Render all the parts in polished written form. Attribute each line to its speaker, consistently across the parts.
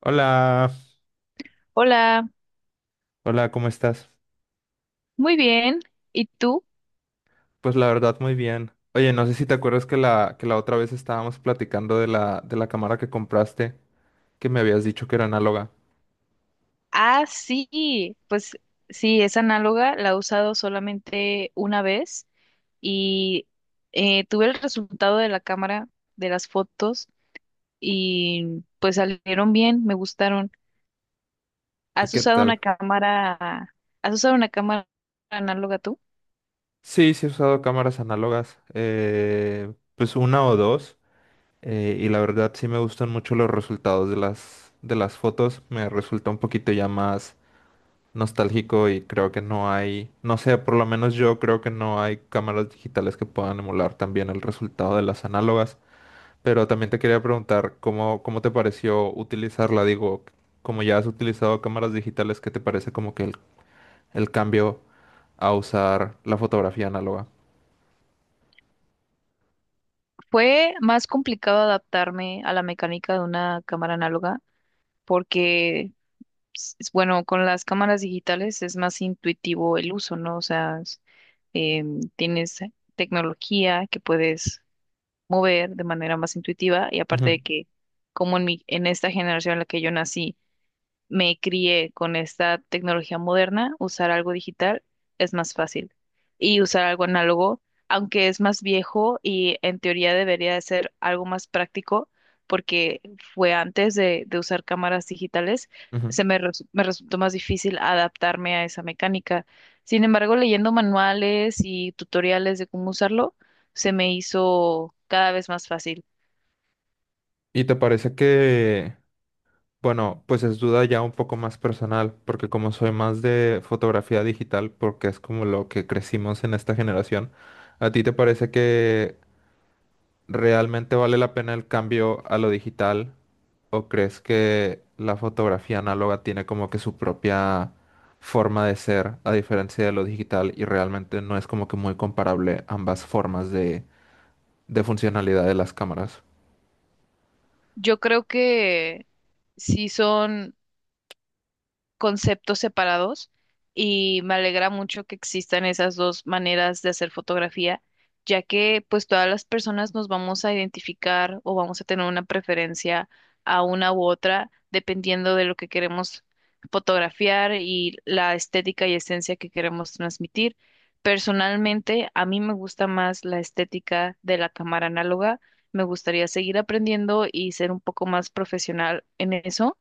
Speaker 1: Hola,
Speaker 2: Hola,
Speaker 1: hola, ¿cómo estás?
Speaker 2: muy bien. ¿Y tú?
Speaker 1: Pues la verdad, muy bien. Oye, no sé si te acuerdas que que la otra vez estábamos platicando de la cámara que compraste, que me habías dicho que era análoga.
Speaker 2: Ah, sí, pues sí, es análoga, la he usado solamente una vez y tuve el resultado de la cámara, de las fotos y pues salieron bien, me gustaron.
Speaker 1: ¿Y
Speaker 2: ¿Has
Speaker 1: qué
Speaker 2: usado una
Speaker 1: tal?
Speaker 2: cámara, has usado una cámara análoga tú?
Speaker 1: Sí, he usado cámaras análogas, pues una o dos, y la verdad sí me gustan mucho los resultados de las fotos. Me resulta un poquito ya más nostálgico y creo que no hay, no sé, por lo menos yo creo que no hay cámaras digitales que puedan emular también el resultado de las análogas. Pero también te quería preguntar cómo, cómo te pareció utilizarla. Digo, como ya has utilizado cámaras digitales, ¿qué te parece como que el cambio a usar la fotografía análoga?
Speaker 2: Fue más complicado adaptarme a la mecánica de una cámara análoga porque Bueno, con las cámaras digitales es más intuitivo el uso, ¿no? O sea, tienes tecnología que puedes mover de manera más intuitiva y aparte de
Speaker 1: Ujú,
Speaker 2: que, como en mi, en esta generación en la que yo nací, me crié con esta tecnología moderna, usar algo digital es más fácil. Y usar algo análogo, aunque es más viejo y en teoría debería de ser algo más práctico, porque fue antes de usar cámaras digitales,
Speaker 1: ujú.
Speaker 2: me resultó más difícil adaptarme a esa mecánica. Sin embargo, leyendo manuales y tutoriales de cómo usarlo, se me hizo cada vez más fácil.
Speaker 1: Y te parece que, bueno, pues es duda ya un poco más personal, porque como soy más de fotografía digital, porque es como lo que crecimos en esta generación, ¿a ti te parece que ¿realmente vale la pena el cambio a lo digital? ¿O crees que la fotografía análoga tiene como que su propia forma de ser, a diferencia de lo digital, y realmente no es como que muy comparable ambas formas de funcionalidad de las cámaras?
Speaker 2: Yo creo que sí son conceptos separados y me alegra mucho que existan esas dos maneras de hacer fotografía, ya que pues todas las personas nos vamos a identificar o vamos a tener una preferencia a una u otra dependiendo de lo que queremos fotografiar y la estética y esencia que queremos transmitir. Personalmente, a mí me gusta más la estética de la cámara análoga. Me gustaría seguir aprendiendo y ser un poco más profesional en eso,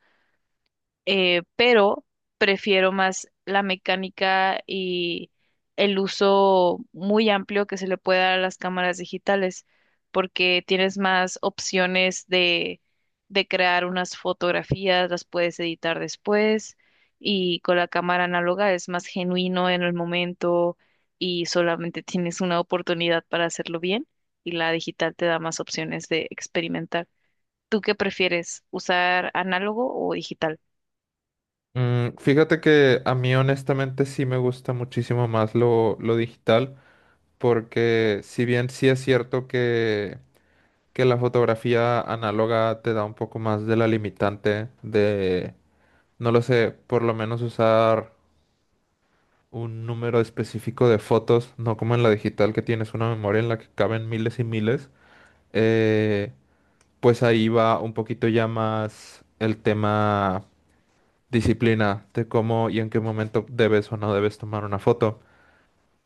Speaker 2: pero prefiero más la mecánica y el uso muy amplio que se le puede dar a las cámaras digitales, porque tienes más opciones de crear unas fotografías, las puedes editar después, y con la cámara análoga es más genuino en el momento y solamente tienes una oportunidad para hacerlo bien, y la digital te da más opciones de experimentar. ¿Tú qué prefieres, usar análogo o digital?
Speaker 1: Mm, fíjate que a mí honestamente sí me gusta muchísimo más lo digital, porque si bien sí es cierto que la fotografía análoga te da un poco más de la limitante de no lo sé, por lo menos usar un número específico de fotos, no como en la digital que tienes una memoria en la que caben miles y miles. Eh, pues ahí va un poquito ya más el tema disciplina de cómo y en qué momento debes o no debes tomar una foto.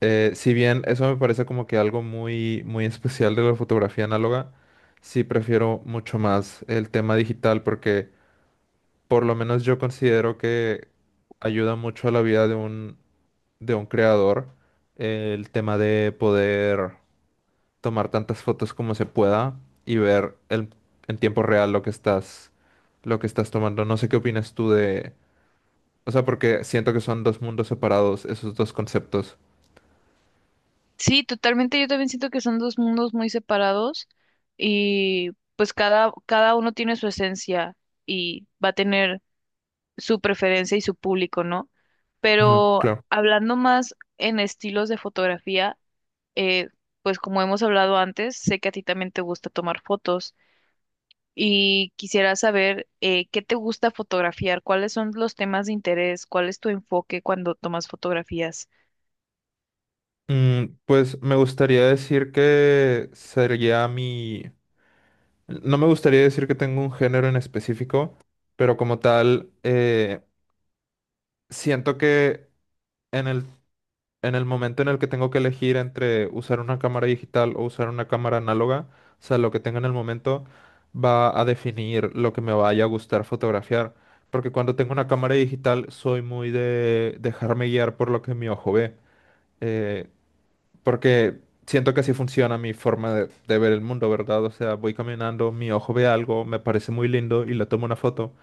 Speaker 1: Si bien eso me parece como que algo muy, muy especial de la fotografía análoga, sí prefiero mucho más el tema digital porque por lo menos yo considero que ayuda mucho a la vida de un creador el tema de poder tomar tantas fotos como se pueda y ver el- en tiempo real lo que estás tomando. No sé qué opinas tú de... O sea, porque siento que son dos mundos separados, esos dos conceptos.
Speaker 2: Sí, totalmente. Yo también siento que son dos mundos muy separados y pues cada uno tiene su esencia y va a tener su preferencia y su público, ¿no?
Speaker 1: Ujú,
Speaker 2: Pero
Speaker 1: claro.
Speaker 2: hablando más en estilos de fotografía, eh, pues como hemos hablado antes, sé que a ti también te gusta tomar fotos y quisiera saber qué te gusta fotografiar, cuáles son los temas de interés, cuál es tu enfoque cuando tomas fotografías.
Speaker 1: Mm, pues me gustaría decir que sería mi... No me gustaría decir que tengo un género en específico, pero como tal, siento que en el en el momento en el que tengo que elegir entre usar una cámara digital o usar una cámara análoga, o sea, lo que tenga en el momento va a definir lo que me vaya a gustar fotografiar. Porque cuando tengo una cámara digital soy muy de dejarme guiar por lo que mi ojo ve. eh, Porque siento que así funciona mi forma de ver el mundo, ¿verdad? O sea, voy caminando, mi ojo ve algo, me parece muy lindo y le tomo una foto.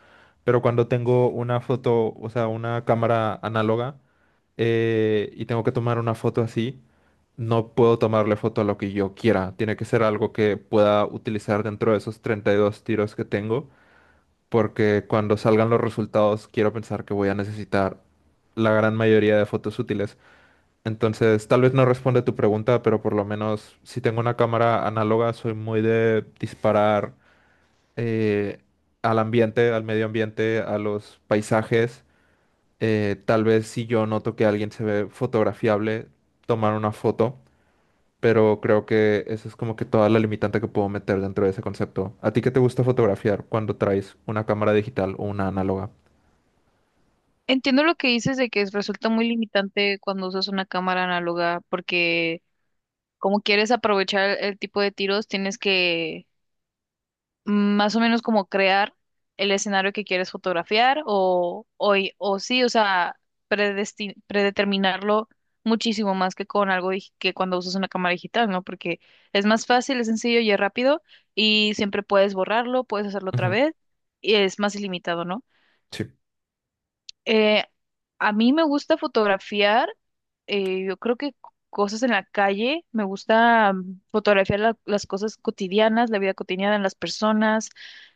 Speaker 1: Pero cuando tengo una foto, o sea, una cámara análoga, y tengo que tomar una foto así, no puedo tomarle foto a lo que yo quiera. Tiene que ser algo que pueda utilizar dentro de esos 32 tiros que tengo, porque cuando salgan los resultados quiero pensar que voy a necesitar la gran mayoría de fotos útiles. Entonces, tal vez no responde tu pregunta, pero por lo menos si tengo una cámara análoga, soy muy de disparar eh, al ambiente, al medio ambiente, a los paisajes tal vez si yo noto que alguien se ve fotografiable, tomar una foto, pero creo que esa es como que toda la limitante que puedo meter dentro de ese concepto. ¿A ti qué te gusta fotografiar cuando traes una cámara digital o una análoga?
Speaker 2: Entiendo lo que dices de que resulta muy limitante cuando usas una cámara análoga, porque como quieres aprovechar el tipo de tiros, tienes que más o menos como crear el escenario que quieres fotografiar o, y- o sí, o sea, predeterminarlo muchísimo más que con que cuando usas una cámara digital, ¿no? Porque es más fácil, es sencillo y es rápido y siempre puedes borrarlo, puedes hacerlo otra
Speaker 1: Ujú,
Speaker 2: vez y es más ilimitado, ¿no?
Speaker 1: sí.
Speaker 2: Eh, a mí me gusta fotografiar, yo creo que cosas en la calle, me gusta fotografiar las cosas cotidianas, la vida cotidiana de las personas,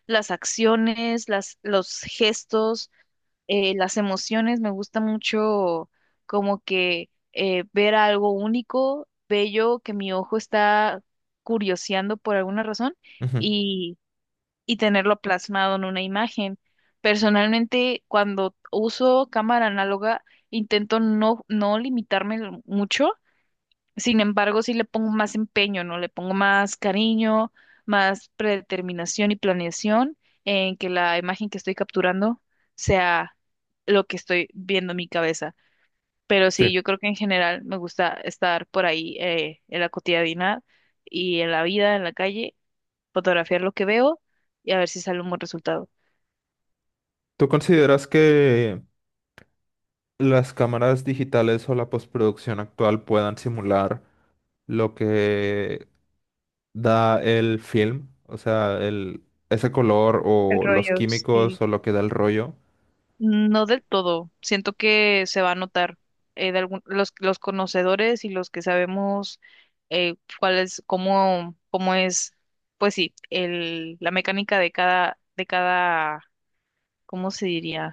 Speaker 2: las acciones, los gestos, las emociones, me gusta mucho como que ver algo único, bello, que mi ojo está curioseando por alguna razón
Speaker 1: Ujú,
Speaker 2: y tenerlo plasmado en una imagen. Personalmente, cuando uso cámara análoga, intento no limitarme mucho, sin embargo, sí le pongo más empeño, ¿no? Le pongo más cariño, más predeterminación y planeación en que la imagen que estoy capturando sea lo que estoy viendo en mi cabeza. Pero
Speaker 1: sí.
Speaker 2: sí, yo creo que en general me gusta estar por ahí en la cotidianidad y en la vida, en la calle, fotografiar lo que veo y a ver si sale un buen resultado.
Speaker 1: ¿Tú consideras que las cámaras digitales o la postproducción actual puedan simular lo que da el film? O sea, el, ese color
Speaker 2: El
Speaker 1: o los
Speaker 2: rollo, sí.
Speaker 1: químicos o lo que da el rollo.
Speaker 2: No del todo. Siento que se va a notar los conocedores y los que sabemos cuál es, cómo, cómo es, pues sí, el, la mecánica de cada, ¿cómo se diría?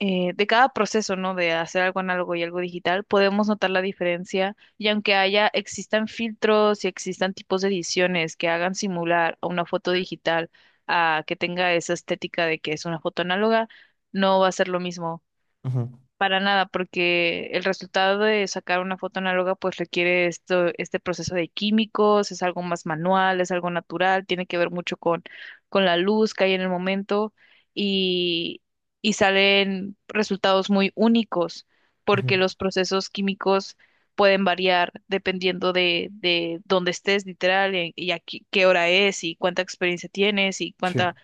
Speaker 2: De cada proceso, ¿no? De hacer algo análogo y algo digital, podemos notar la diferencia y aunque haya, existan filtros y existan tipos de ediciones que hagan simular a una foto digital a que tenga esa estética de que es una foto análoga, no va a ser lo mismo.
Speaker 1: Ujú,
Speaker 2: Para nada, porque el resultado de sacar una foto análoga pues requiere esto, este proceso de químicos, es algo más manual, es algo natural, tiene que ver mucho con la luz que hay en el momento y, y salen resultados muy únicos porque
Speaker 1: ujú.
Speaker 2: los procesos químicos pueden variar dependiendo de dónde estés literal y a qué qué hora es y cuánta experiencia tienes y
Speaker 1: Sí.
Speaker 2: cuánta,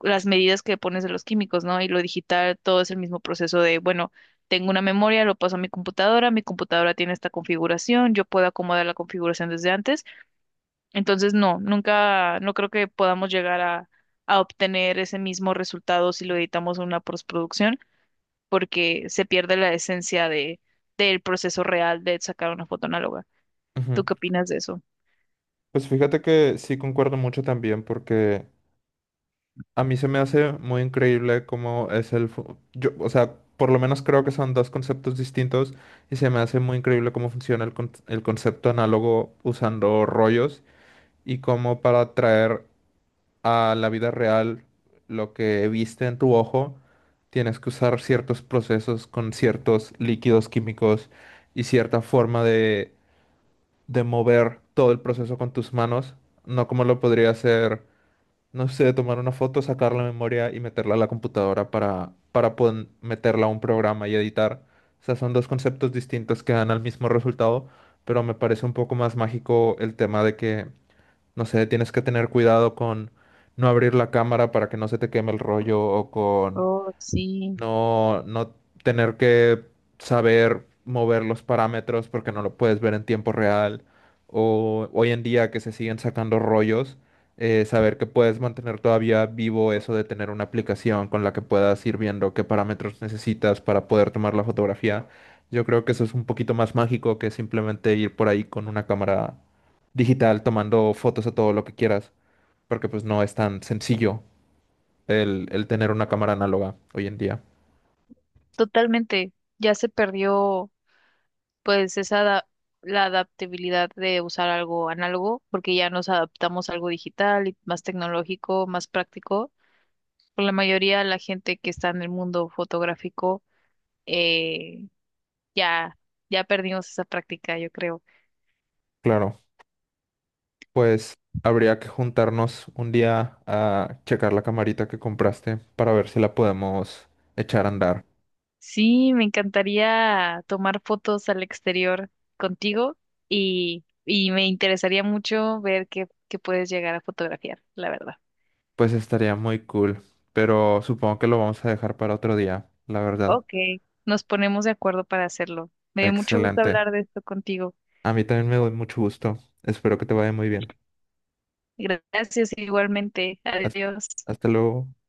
Speaker 2: las medidas que pones de los químicos, ¿no? Y lo digital, todo es el mismo proceso de, bueno, tengo una memoria, lo paso a mi computadora tiene esta configuración, yo puedo acomodar la configuración desde antes. Entonces, no, nunca, no creo que podamos llegar a obtener ese mismo resultado si lo editamos en una postproducción, porque se pierde la esencia de, del proceso real de sacar una foto análoga.
Speaker 1: Ujú.
Speaker 2: ¿Tú qué opinas de eso?
Speaker 1: Pues fíjate que sí concuerdo mucho también porque a mí se me hace muy increíble cómo es el... fu- Yo, o sea, por lo menos creo que son dos conceptos distintos y se me hace muy increíble cómo funciona el, con- el concepto análogo usando rollos y cómo para traer a la vida real lo que viste en tu ojo tienes que usar ciertos procesos con ciertos líquidos químicos y cierta forma de mover todo el proceso con tus manos, no como lo podría hacer, no sé, tomar una foto, sacar la memoria y meterla a la computadora para poder meterla a un programa y editar. O sea, son dos conceptos distintos que dan al mismo resultado, pero me parece un poco más mágico el tema de que, no sé, tienes que tener cuidado con no abrir la cámara para que no se te queme el rollo o con
Speaker 2: Oh, sí,
Speaker 1: no, no tener que saber mover los parámetros porque no lo puedes ver en tiempo real. O hoy en día que se siguen sacando rollos, saber que puedes mantener todavía vivo eso de tener una aplicación con la que puedas ir viendo qué parámetros necesitas para poder tomar la fotografía. Yo creo que eso es un poquito más mágico que simplemente ir por ahí con una cámara digital tomando fotos a todo lo que quieras, porque pues no es tan sencillo el tener una cámara análoga hoy en día.
Speaker 2: totalmente. Ya se perdió pues esa la adaptabilidad de usar algo análogo, porque ya nos adaptamos a algo digital y más tecnológico, más práctico. Por la mayoría de la gente que está en el mundo fotográfico, eh, ya, ya perdimos esa práctica, yo creo.
Speaker 1: Claro. Pues habría que juntarnos un día a checar la camarita que compraste para ver si la podemos echar a andar.
Speaker 2: Sí, me encantaría tomar fotos al exterior contigo y me interesaría mucho ver qué, qué puedes llegar a fotografiar, la verdad.
Speaker 1: Pues estaría muy cool, pero supongo que lo vamos a dejar para otro día, la verdad.
Speaker 2: Ok, nos ponemos de acuerdo para hacerlo. Me dio mucho gusto
Speaker 1: Excelente.
Speaker 2: hablar de esto contigo.
Speaker 1: A mí también me doy mucho gusto. Espero que te vaya muy bien.
Speaker 2: Gracias igualmente.
Speaker 1: Hasta
Speaker 2: Adiós.
Speaker 1: hasta luego.